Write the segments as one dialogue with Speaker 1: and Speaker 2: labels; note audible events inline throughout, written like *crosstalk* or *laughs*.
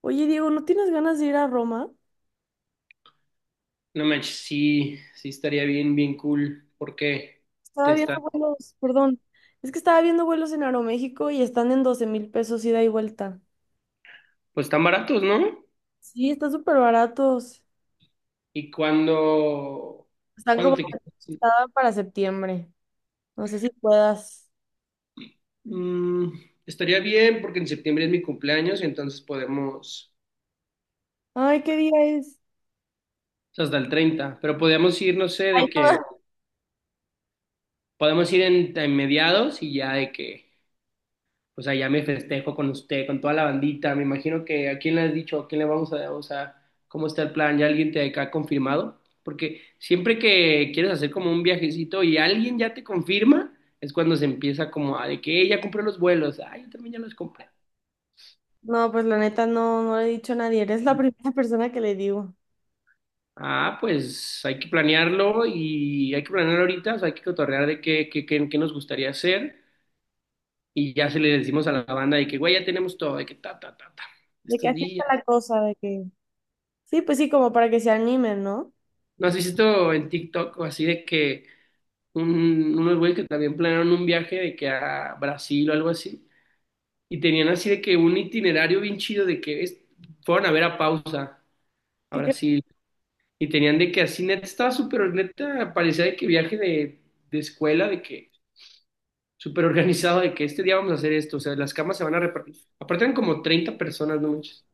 Speaker 1: Oye, Diego, ¿no tienes ganas de ir a Roma?
Speaker 2: No manches, sí, sí estaría bien, bien cool, porque
Speaker 1: Estaba
Speaker 2: te
Speaker 1: viendo
Speaker 2: están,
Speaker 1: vuelos, perdón. Es que estaba viendo vuelos en Aeroméxico y están en 12,000 pesos ida y vuelta.
Speaker 2: pues están baratos, ¿no?
Speaker 1: Sí, están súper baratos.
Speaker 2: Y ¿cuando,
Speaker 1: Están
Speaker 2: cuando
Speaker 1: como
Speaker 2: te quisieras ir?
Speaker 1: estaban para septiembre. No sé si puedas.
Speaker 2: Mm, Estaría bien, porque en septiembre es mi cumpleaños, entonces podemos,
Speaker 1: Ay, ¿qué día es?
Speaker 2: o sea, hasta el 30, pero podemos ir, no sé,
Speaker 1: Ay,
Speaker 2: de que,
Speaker 1: no,
Speaker 2: podemos ir en mediados y ya de que... O sea, ya me festejo con usted, con toda la bandita. Me imagino que a quién le has dicho, a quién le vamos a, o sea, cómo está el plan, ya alguien te ha confirmado. Porque siempre que quieres hacer como un viajecito y alguien ya te confirma, es cuando se empieza como a de que: Ya compré los vuelos, ay, yo también ya los compré".
Speaker 1: *laughs* No, pues la neta no, no le he dicho a nadie. Eres la *laughs* primera persona que le digo.
Speaker 2: Ah, pues hay que planearlo y hay que planear ahorita, o sea, hay que cotorrear de qué, qué nos gustaría hacer y ya se le decimos a la banda de que, güey, ya tenemos todo, de que ta, ta, ta, ta,
Speaker 1: De que
Speaker 2: estos
Speaker 1: así está
Speaker 2: días.
Speaker 1: la cosa, de que. Sí, pues sí, como para que se animen, ¿no?
Speaker 2: ¿No has visto en TikTok o así de que unos güeyes que también planearon un viaje de que a Brasil o algo así? Y tenían así de que un itinerario bien chido de que fueron a ver a Pausa a
Speaker 1: ¿Qué crees,
Speaker 2: Brasil. Y tenían de que así neta estaba súper neta, parecía de que viaje de, escuela, de que súper organizado, de que este día vamos a hacer esto. O sea, las camas se van a repartir. Aparte eran como 30 personas, no manches.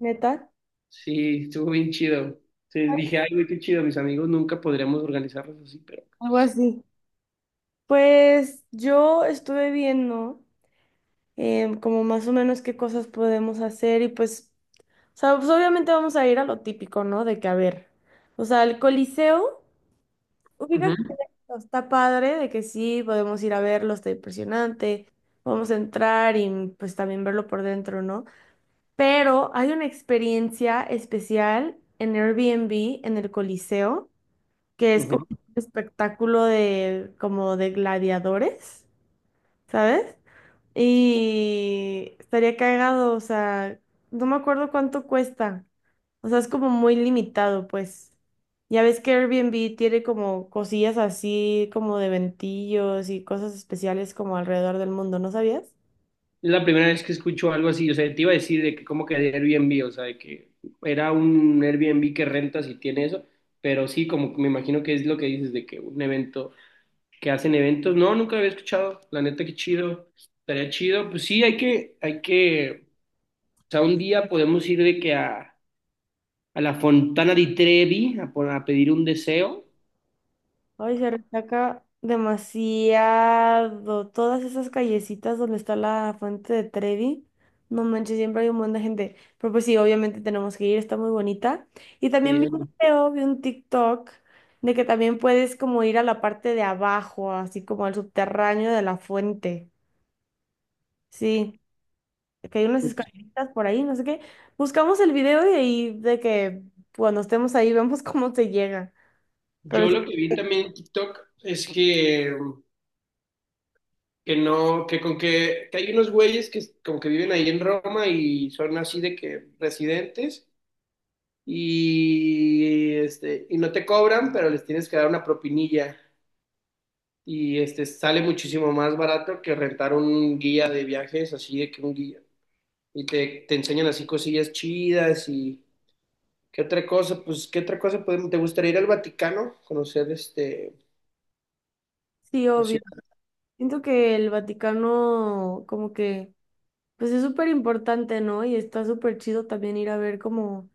Speaker 1: neta?
Speaker 2: Sí, estuvo bien chido. Sí, dije, ay, güey, qué chido, mis amigos, nunca podríamos organizarlos así, pero...
Speaker 1: Algo así. Pues yo estuve viendo, como más o menos qué cosas podemos hacer y pues, o sea, pues obviamente vamos a ir a lo típico, ¿no? De que a ver, o sea, el Coliseo, ubica que está padre, de que sí, podemos ir a verlo, está impresionante, vamos a entrar y pues también verlo por dentro, ¿no? Pero hay una experiencia especial en Airbnb, en el Coliseo, que es como
Speaker 2: Ujú.
Speaker 1: un espectáculo de, como de gladiadores, ¿sabes? Y estaría cagado, o sea, no me acuerdo cuánto cuesta. O sea, es como muy limitado, pues. Ya ves que Airbnb tiene como cosillas así, como de ventillos y cosas especiales como alrededor del mundo, ¿no sabías?
Speaker 2: Es la primera vez que escucho algo así, o sea, te iba a decir de que como que de Airbnb, o sea, de que era un Airbnb que rentas y tiene eso, pero sí, como que me imagino que es lo que dices de que un evento, que hacen eventos, no, nunca lo había escuchado, la neta, qué chido, estaría chido, pues sí, hay que, o sea, un día podemos ir de que a la Fontana di Trevi a, a pedir un deseo,
Speaker 1: Ay, se resaca demasiado. Todas esas callecitas donde está la fuente de Trevi. No manches, siempre hay un montón de gente. Pero pues sí, obviamente tenemos que ir, está muy bonita. Y también
Speaker 2: pedir
Speaker 1: vi un
Speaker 2: algo.
Speaker 1: video, vi un TikTok de que también puedes como ir a la parte de abajo, así como al subterráneo de la fuente. Sí, que hay unas
Speaker 2: Pues,
Speaker 1: escaleritas por ahí, no sé qué. Buscamos el video y ahí de que cuando estemos ahí vemos *laughs* cómo se llega. Pero
Speaker 2: yo
Speaker 1: sí,
Speaker 2: lo que vi también en TikTok es que no, que con que hay unos güeyes que como que viven ahí en Roma y son así de que residentes y este, y no te cobran, pero les tienes que dar una propinilla. Y este sale muchísimo más barato que rentar un guía de viajes, así de que un guía. Y te enseñan así cosillas chidas y qué otra cosa, pues qué otra cosa podemos. ¿Te gustaría ir al Vaticano? Conocer este
Speaker 1: sí,
Speaker 2: la
Speaker 1: obvio.
Speaker 2: ciudad.
Speaker 1: Siento que el Vaticano como que pues es súper importante, ¿no? Y está súper chido también ir a ver como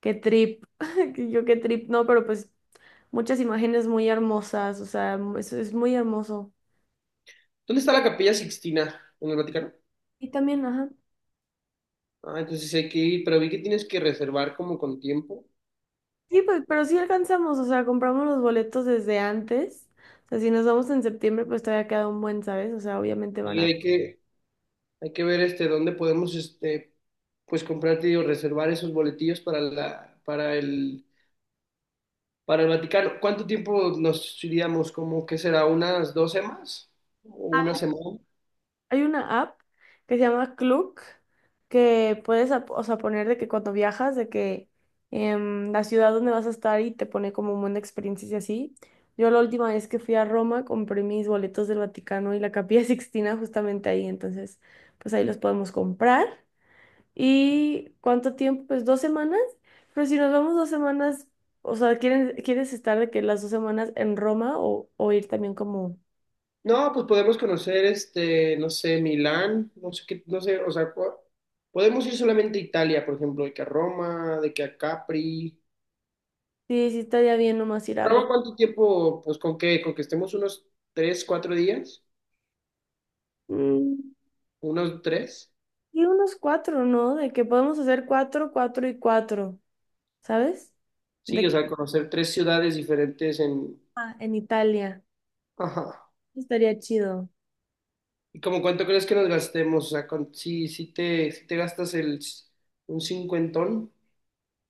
Speaker 1: qué trip, *laughs* que yo qué trip, no, pero pues muchas imágenes muy hermosas, o sea, es muy hermoso.
Speaker 2: ¿Dónde está la Capilla Sixtina? ¿En el Vaticano?
Speaker 1: Y también, ajá.
Speaker 2: Ah, entonces hay que ir, pero vi que tienes que reservar como con tiempo
Speaker 1: Sí, pues, pero sí alcanzamos, o sea, compramos los boletos desde antes. O sea, si nos vamos en septiembre, pues todavía queda un buen, ¿sabes? O sea, obviamente van
Speaker 2: y
Speaker 1: a.
Speaker 2: hay que ver este dónde podemos este pues comprarte o reservar esos boletillos para la, para el Vaticano. ¿Cuánto tiempo nos iríamos? ¿Como que será, unas 2 semanas? ¿O una semana?
Speaker 1: Hay una app que se llama Klook que puedes, o sea, poner de que cuando viajas, de que la ciudad donde vas a estar y te pone como un buen de experiencias y así. Yo la última vez que fui a Roma compré mis boletos del Vaticano y la Capilla *laughs* Sixtina justamente ahí, entonces pues ahí los podemos comprar. ¿Y cuánto tiempo? Pues 2 semanas. Pero si nos vamos 2 semanas, o sea, ¿quieres estar de que las 2 semanas en Roma o, ir también como...
Speaker 2: No, pues podemos conocer este, no sé, Milán, no sé qué, no sé, o sea, podemos ir solamente a Italia, por ejemplo, de que a Roma, de que a Capri.
Speaker 1: Sí, sí estaría bien nomás ir a
Speaker 2: Ramón,
Speaker 1: Roma.
Speaker 2: ¿cuánto tiempo? Pues con qué, con que estemos unos 3, 4 días,
Speaker 1: Mm.
Speaker 2: unos tres.
Speaker 1: Y unos cuatro, ¿no? De que podemos hacer cuatro, cuatro y cuatro, ¿sabes? De
Speaker 2: Sí, o
Speaker 1: que
Speaker 2: sea, conocer tres ciudades diferentes en...
Speaker 1: ah, en Italia.
Speaker 2: Ajá.
Speaker 1: Estaría chido.
Speaker 2: ¿Y como cuánto crees que nos gastemos? O sea, con... si te gastas el, un cincuentón,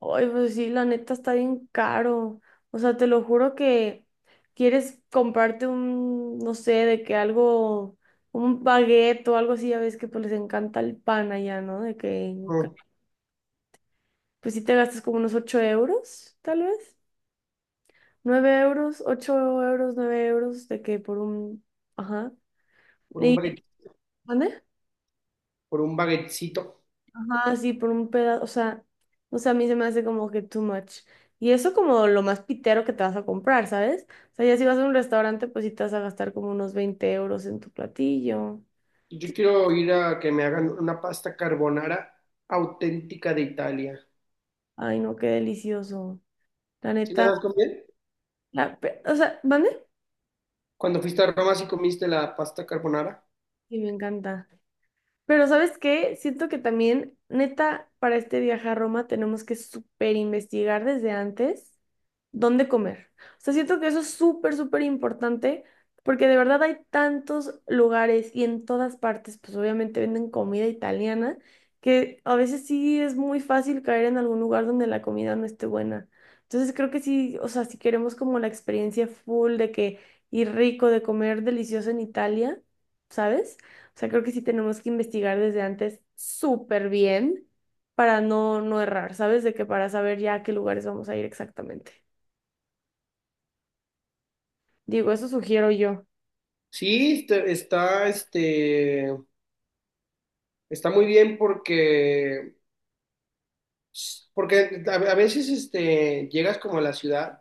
Speaker 1: Ay, pues sí, la neta está bien caro. O sea, te lo juro que quieres comprarte un, no sé, de que algo, un baguette o algo así, ya ves que pues les encanta el pan allá, ¿no? De que,
Speaker 2: ajá,
Speaker 1: pues sí te gastas como unos €8, tal vez. Nueve euros, €8, €9, de que por un, ajá.
Speaker 2: por un
Speaker 1: ¿Y,
Speaker 2: baguette,
Speaker 1: ¿Mande?
Speaker 2: por un baguettecito.
Speaker 1: Ajá, sí, por un pedazo, o sea, a mí se me hace como que too much. Y eso como lo más pitero que te vas a comprar, ¿sabes? O sea, ya si vas a un restaurante, pues sí te vas a gastar como unos €20 en tu platillo.
Speaker 2: Yo
Speaker 1: Qui-
Speaker 2: quiero ir a que me hagan una pasta carbonara auténtica de Italia.
Speaker 1: Ay, no, qué delicioso. La
Speaker 2: ¿Sí la
Speaker 1: neta,
Speaker 2: sabes comer?
Speaker 1: o sea, ¿vale?
Speaker 2: Cuando fuiste a Roma, ¿sí comiste la pasta carbonara?
Speaker 1: Sí, me encanta. Pero ¿sabes qué? Siento que también, neta, para este viaje a Roma tenemos que súper investigar desde antes dónde comer. O sea, siento que eso es súper, súper importante, porque de verdad hay tantos lugares y en todas partes, pues obviamente venden comida italiana, que a veces sí es muy fácil caer en algún lugar donde la comida no esté buena. Entonces creo que sí, o sea, si queremos como la experiencia full de que ir rico, de comer delicioso en Italia, ¿sabes? O sea, creo que sí tenemos que investigar desde antes súper bien para no, no errar, ¿sabes? De que para saber ya a qué lugares vamos a ir exactamente. Digo, eso sugiero yo.
Speaker 2: Sí, está muy bien porque, a veces este, llegas como a la ciudad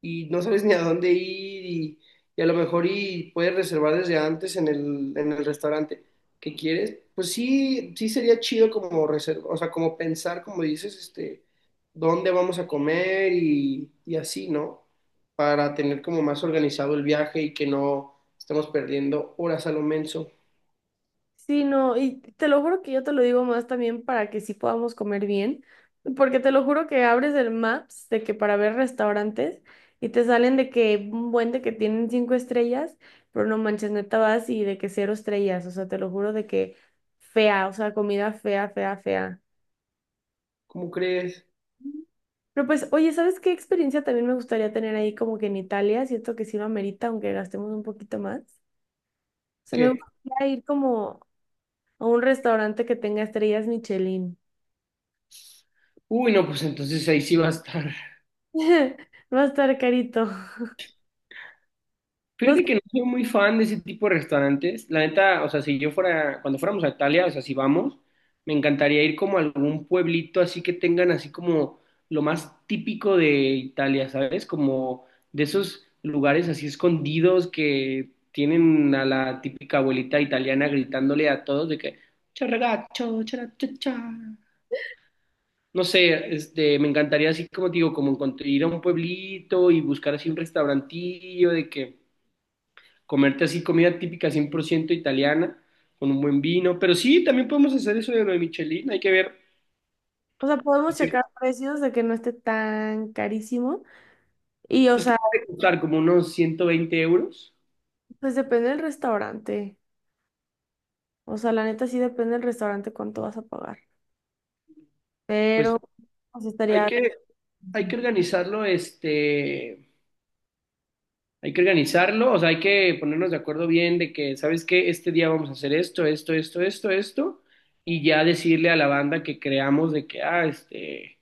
Speaker 2: y no sabes ni a dónde ir y, a lo mejor y puedes reservar desde antes en el restaurante que quieres. Pues sí, sí sería chido como reserva, o sea, como pensar, como dices, este, dónde vamos a comer y así, ¿no? Para tener como más organizado el viaje y que no estemos perdiendo horas a lo menso.
Speaker 1: Sí, no, y te lo juro que yo te lo digo más también para que sí podamos comer bien, porque te lo juro que abres el Maps de que para ver restaurantes y te salen de que un buen de que tienen 5 estrellas, pero no manches, neta vas y de que 0 estrellas, o sea, te lo juro de que fea, o sea, comida fea, fea, fea.
Speaker 2: ¿Cómo crees
Speaker 1: Pero pues, oye, ¿sabes qué experiencia también me gustaría tener ahí como que en Italia? Siento que sí lo amerita, aunque gastemos un poquito más. O sea, me
Speaker 2: que?
Speaker 1: gustaría ir como o un restaurante que tenga estrellas Michelin.
Speaker 2: Uy, no, pues entonces ahí sí va a estar.
Speaker 1: *laughs* Va a estar carito. No sé,
Speaker 2: Fíjate que no soy muy fan de ese tipo de restaurantes. La neta, o sea, si yo fuera, cuando fuéramos a Italia, o sea, si vamos, me encantaría ir como a algún pueblito así que tengan así como lo más típico de Italia, ¿sabes? Como de esos lugares así escondidos que tienen a la típica abuelita italiana gritándole a todos de que: "Ciao, ragazzo, chara, cha, cha". No sé, este, me encantaría así como te digo, como ir a un pueblito y buscar así un restaurantillo de que comerte así comida típica 100% italiana, con un buen vino, pero sí, también podemos hacer eso de lo de Michelin, hay que ver,
Speaker 1: o sea, podemos checar precios de que no esté tan carísimo. Y, o
Speaker 2: pues, ¿qué
Speaker 1: sea,
Speaker 2: puede costar? Como unos 120 euros,
Speaker 1: pues depende del restaurante. O sea, la neta sí depende del restaurante cuánto vas a pagar.
Speaker 2: pues
Speaker 1: Pero, pues
Speaker 2: hay
Speaker 1: estaría...
Speaker 2: que, hay que organizarlo, este, hay que organizarlo, o sea, hay que ponernos de acuerdo bien de que, ¿sabes qué? Este día vamos a hacer esto, esto, esto, esto, esto, y ya decirle a la banda que creamos de que, ah, este,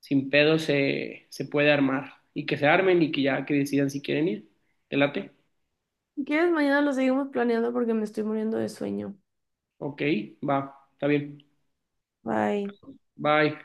Speaker 2: sin pedo se puede armar, y que se armen y que ya que decidan si quieren ir, ¿te late?
Speaker 1: Si quieres, mañana lo seguimos planeando porque me estoy muriendo de sueño.
Speaker 2: Ok, va, está bien.
Speaker 1: Bye.
Speaker 2: Bye.